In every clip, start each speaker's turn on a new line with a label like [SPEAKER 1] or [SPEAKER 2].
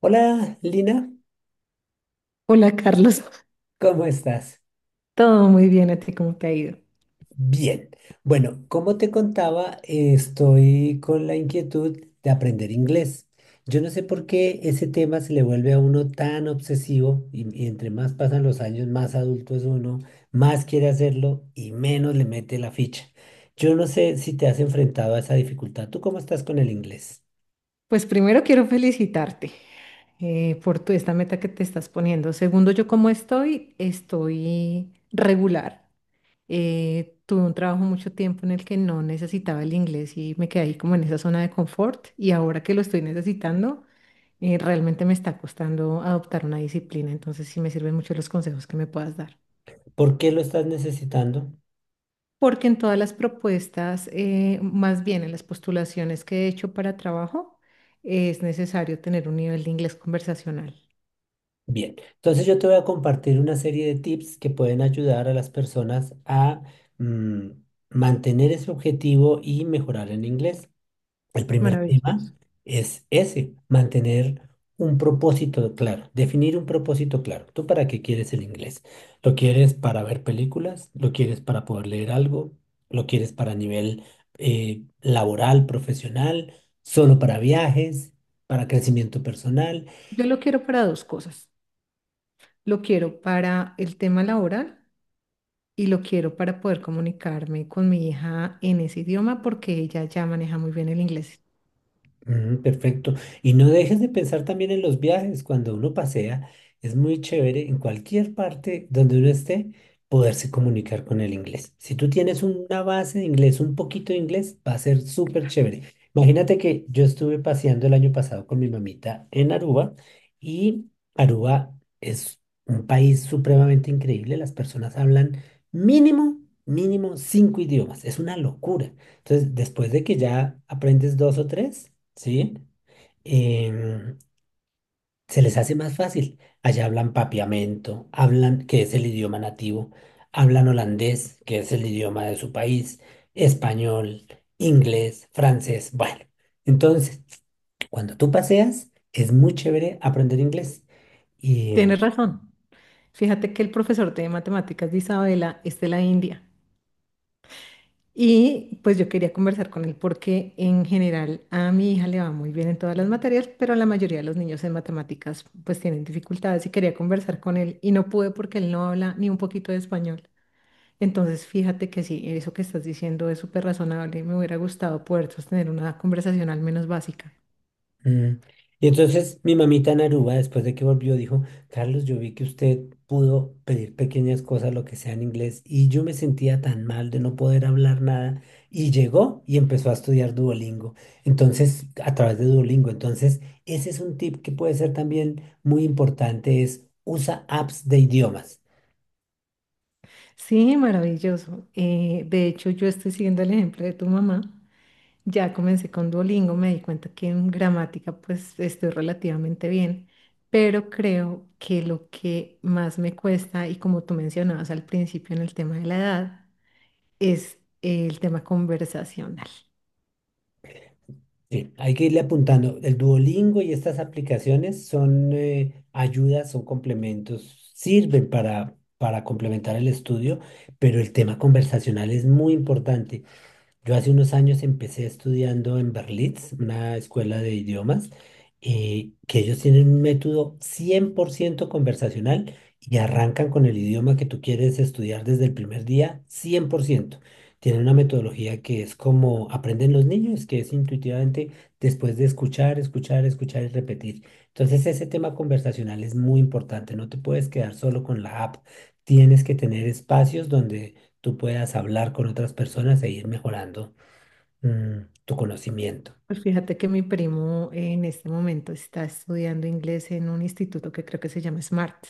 [SPEAKER 1] Hola, Lina,
[SPEAKER 2] Hola Carlos,
[SPEAKER 1] ¿cómo estás?
[SPEAKER 2] todo muy bien, ¿a ti cómo te ha ido?
[SPEAKER 1] Bien. Bueno, como te contaba, estoy con la inquietud de aprender inglés. Yo no sé por qué ese tema se le vuelve a uno tan obsesivo y entre más pasan los años, más adulto es uno, más quiere hacerlo y menos le mete la ficha. Yo no sé si te has enfrentado a esa dificultad. ¿Tú cómo estás con el inglés?
[SPEAKER 2] Pues primero quiero felicitarte por esta meta que te estás poniendo. Segundo, yo cómo estoy, estoy regular. Tuve un trabajo mucho tiempo en el que no necesitaba el inglés y me quedé ahí como en esa zona de confort y ahora que lo estoy necesitando, realmente me está costando adoptar una disciplina, entonces sí me sirven mucho los consejos que me puedas dar.
[SPEAKER 1] ¿Por qué lo estás necesitando?
[SPEAKER 2] Porque en todas las propuestas, más bien en las postulaciones que he hecho para trabajo, es necesario tener un nivel de inglés conversacional.
[SPEAKER 1] Bien, entonces yo te voy a compartir una serie de tips que pueden ayudar a las personas a mm, mantener ese objetivo y mejorar en inglés. El primer tema
[SPEAKER 2] Maravilloso.
[SPEAKER 1] es ese, mantener un propósito claro, definir un propósito claro. ¿Tú para qué quieres el inglés? ¿Lo quieres para ver películas? ¿Lo quieres para poder leer algo? ¿Lo quieres para nivel laboral, profesional? ¿Solo para viajes? ¿Para crecimiento personal?
[SPEAKER 2] Yo lo quiero para dos cosas. Lo quiero para el tema laboral y lo quiero para poder comunicarme con mi hija en ese idioma porque ella ya maneja muy bien el inglés.
[SPEAKER 1] Mm, perfecto. Y no dejes de pensar también en los viajes. Cuando uno pasea, es muy chévere en cualquier parte donde uno esté poderse comunicar con el inglés. Si tú tienes una base de inglés, un poquito de inglés, va a ser súper chévere. Imagínate que yo estuve paseando el año pasado con mi mamita en Aruba y Aruba es un país supremamente increíble. Las personas hablan mínimo, mínimo cinco idiomas. Es una locura. Entonces, después de que ya aprendes dos o tres, ¿sí? Em, se les hace más fácil. Allá hablan papiamento, hablan, que es el idioma nativo, hablan holandés, que es el idioma de su país, español, inglés, francés, bueno. Entonces, cuando tú paseas, es muy chévere aprender inglés. Y
[SPEAKER 2] Tienes razón. Fíjate que el profesor de matemáticas de Isabela es de la India. Y pues yo quería conversar con él porque en general a mi hija le va muy bien en todas las materias, pero la mayoría de los niños en matemáticas pues tienen dificultades y quería conversar con él y no pude porque él no habla ni un poquito de español. Entonces fíjate que sí, eso que estás diciendo es súper razonable y me hubiera gustado poder sostener una conversación al menos básica.
[SPEAKER 1] Mm. Y entonces mi mamita en Aruba, después de que volvió, dijo, Carlos, yo vi que usted pudo pedir pequeñas cosas, lo que sea en inglés, y yo me sentía tan mal de no poder hablar nada, y llegó y empezó a estudiar Duolingo, entonces, a través de Duolingo. Entonces, ese es un tip que puede ser también muy importante, es usa apps de idiomas.
[SPEAKER 2] Sí, maravilloso. De hecho yo estoy siguiendo el ejemplo de tu mamá. Ya comencé con Duolingo, me di cuenta que en gramática pues estoy relativamente bien, pero creo que lo que más me cuesta, y como tú mencionabas al principio en el tema de la edad, es el tema conversacional.
[SPEAKER 1] Sí, hay que irle apuntando. El Duolingo y estas aplicaciones son ayudas, son complementos, sirven para complementar el estudio, pero el tema conversacional es muy importante. Yo hace unos años empecé estudiando en Berlitz, una escuela de idiomas, que ellos tienen un método 100% conversacional y arrancan con el idioma que tú quieres estudiar desde el primer día, 100%. Tienen una metodología que es como aprenden los niños, que es intuitivamente después de escuchar, escuchar, escuchar y repetir. Entonces ese tema conversacional es muy importante, no te puedes quedar solo con la app, tienes que tener espacios donde tú puedas hablar con otras personas e ir mejorando tu conocimiento.
[SPEAKER 2] Pues fíjate que mi primo en este momento está estudiando inglés en un instituto que creo que se llama SMART.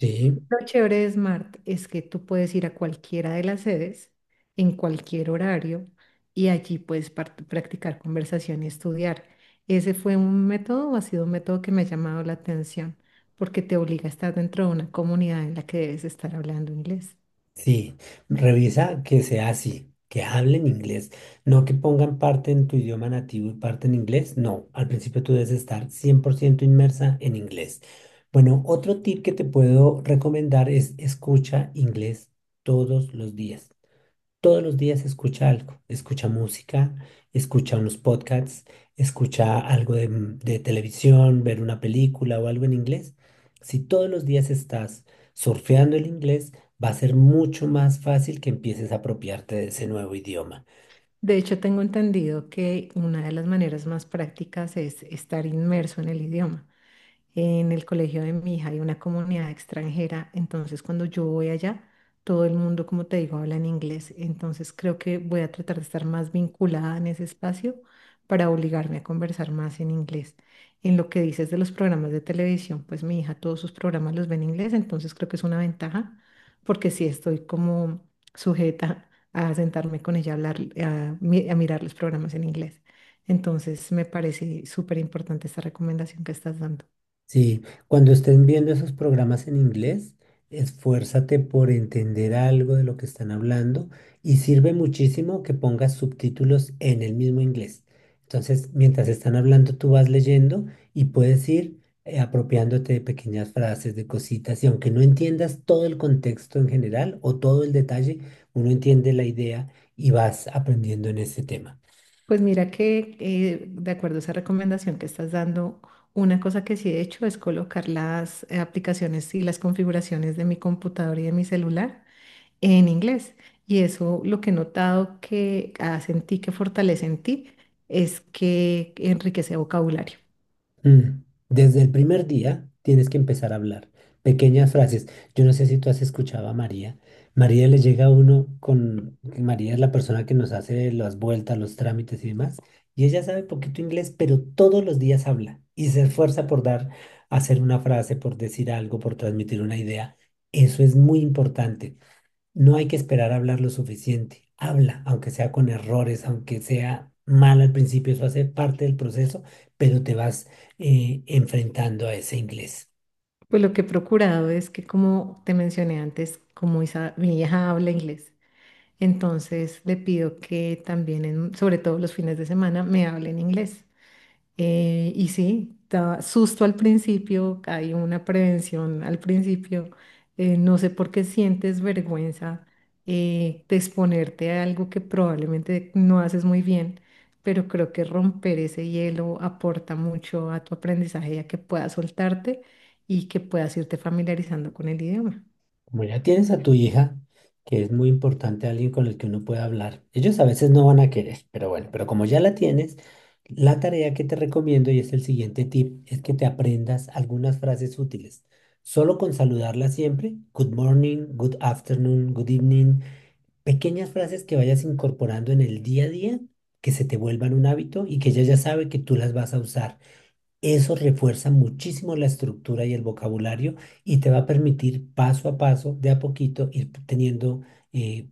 [SPEAKER 1] Sí,
[SPEAKER 2] Lo chévere de Smart es que tú puedes ir a cualquiera de las sedes en cualquier horario y allí puedes practicar conversación y estudiar. ¿Ese fue un método o ha sido un método que me ha llamado la atención? Porque te obliga a estar dentro de una comunidad en la que debes estar hablando inglés.
[SPEAKER 1] sí. Revisa que sea así, que hablen inglés, no que pongan parte en tu idioma nativo y parte en inglés. No, al principio tú debes estar 100% inmersa en inglés. Bueno, otro tip que te puedo recomendar es escucha inglés todos los días. Todos los días escucha algo, escucha música, escucha unos podcasts, escucha algo de, de televisión, ver una película o algo en inglés. Si todos los días estás surfeando el inglés, va a ser mucho más fácil que empieces a apropiarte de ese nuevo idioma.
[SPEAKER 2] De hecho, tengo entendido que una de las maneras más prácticas es estar inmerso en el idioma. En el colegio de mi hija hay una comunidad extranjera, entonces cuando yo voy allá, todo el mundo, como te digo, habla en inglés. Entonces creo que voy a tratar de estar más vinculada en ese espacio para obligarme a conversar más en inglés. En lo que dices de los programas de televisión, pues mi hija todos sus programas los ve en inglés, entonces creo que es una ventaja porque sí estoy como sujeta a sentarme con ella a hablar, a, a mirar los programas en inglés. Entonces me parece súper importante esta recomendación que estás dando.
[SPEAKER 1] Sí, cuando estén viendo esos programas en inglés, esfuérzate por entender algo de lo que están hablando y sirve muchísimo que pongas subtítulos en el mismo inglés. Entonces, mientras están hablando, tú vas leyendo y puedes ir apropiándote de pequeñas frases, de cositas, y aunque no entiendas todo el contexto en general o todo el detalle, uno entiende la idea y vas aprendiendo en ese tema.
[SPEAKER 2] Pues mira que de acuerdo a esa recomendación que estás dando, una cosa que sí he hecho es colocar las aplicaciones y las configuraciones de mi computador y de mi celular en inglés. Y eso lo que he notado que hace en ti, que fortalece en ti, es que enriquece vocabulario.
[SPEAKER 1] Mm. Desde el primer día tienes que empezar a hablar. Pequeñas frases. Yo no sé si tú has escuchado a María. María le llega a uno con... María es la persona que nos hace las vueltas, los trámites y demás. Y ella sabe poquito inglés, pero todos los días habla y se esfuerza por dar, hacer una frase, por decir algo, por transmitir una idea. Eso es muy importante. No hay que esperar a hablar lo suficiente. Habla, aunque sea con errores, aunque sea mal al principio, eso hace parte del proceso, pero te vas enfrentando a ese inglés.
[SPEAKER 2] Pues lo que he procurado es que, como te mencioné antes, como mi hija habla inglés, entonces le pido que también, sobre todo los fines de semana, me hable en inglés. Y sí, da susto al principio, hay una prevención al principio. No sé por qué sientes vergüenza de exponerte a algo que probablemente no haces muy bien, pero creo que romper ese hielo aporta mucho a tu aprendizaje y a que puedas soltarte y que puedas irte familiarizando con el idioma.
[SPEAKER 1] Como ya tienes a tu hija, que es muy importante alguien con el que uno pueda hablar. Ellos a veces no van a querer, pero bueno, pero como ya la tienes, la tarea que te recomiendo y es el siguiente tip, es que te aprendas algunas frases útiles. Solo con saludarla siempre, good morning, good afternoon, good evening. Pequeñas frases que vayas incorporando en el día a día, que se te vuelvan un hábito y que ella ya sabe que tú las vas a usar. Eso refuerza muchísimo la estructura y el vocabulario y te va a permitir paso a paso, de a poquito, ir teniendo, eh,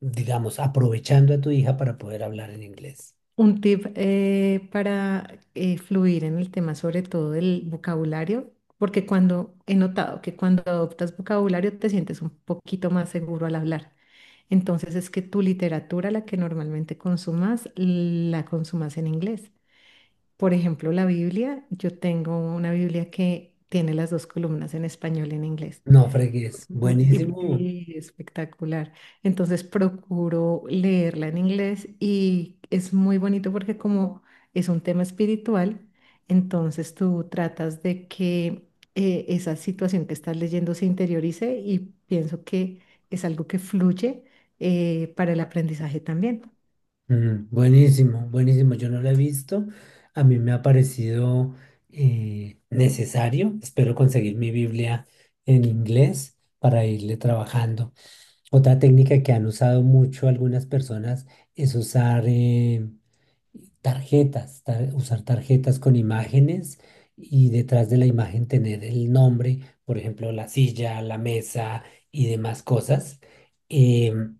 [SPEAKER 1] digamos, aprovechando a tu hija para poder hablar en inglés.
[SPEAKER 2] Un tip para fluir en el tema, sobre todo del vocabulario, porque cuando he notado que cuando adoptas vocabulario te sientes un poquito más seguro al hablar. Entonces es que tu literatura, la que normalmente consumas, la consumas en inglés. Por ejemplo, la Biblia, yo tengo una Biblia que tiene las dos columnas en español y en inglés.
[SPEAKER 1] No fregues. Buenísimo.
[SPEAKER 2] Y espectacular. Entonces procuro leerla en inglés y es muy bonito porque como es un tema espiritual, entonces tú tratas de que esa situación que estás leyendo se interiorice y pienso que es algo que fluye para el aprendizaje también.
[SPEAKER 1] Mm, buenísimo, buenísimo. Yo no lo he visto. A mí me ha parecido necesario. Espero conseguir mi Biblia en inglés para irle trabajando. Otra técnica que han usado mucho algunas personas es usar tarjetas, usar tarjetas con imágenes y detrás de la imagen tener el nombre, por ejemplo, la silla, la mesa y demás cosas. Em,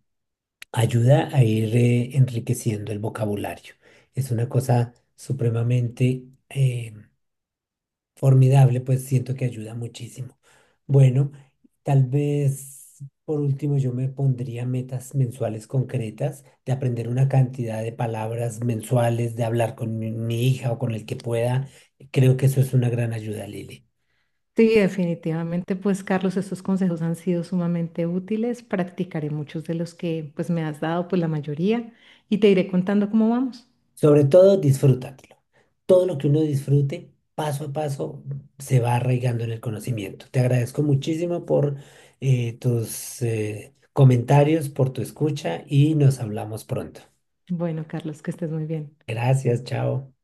[SPEAKER 1] ayuda a ir enriqueciendo el vocabulario. Es una cosa supremamente formidable, pues siento que ayuda muchísimo. Bueno, tal vez por último yo me pondría metas mensuales concretas de aprender una cantidad de palabras mensuales, de hablar con mi hija o con el que pueda. Creo que eso es una gran ayuda, Lili.
[SPEAKER 2] Sí, definitivamente, pues Carlos, estos consejos han sido sumamente útiles. Practicaré muchos de los que pues me has dado, pues la mayoría, y te iré contando cómo vamos.
[SPEAKER 1] Sobre todo, disfrútatelo. Todo lo que uno disfrute, paso a paso, se va arraigando en el conocimiento. Te agradezco muchísimo por tus comentarios, por tu escucha y nos hablamos pronto.
[SPEAKER 2] Bueno, Carlos, que estés muy bien.
[SPEAKER 1] Gracias, chao.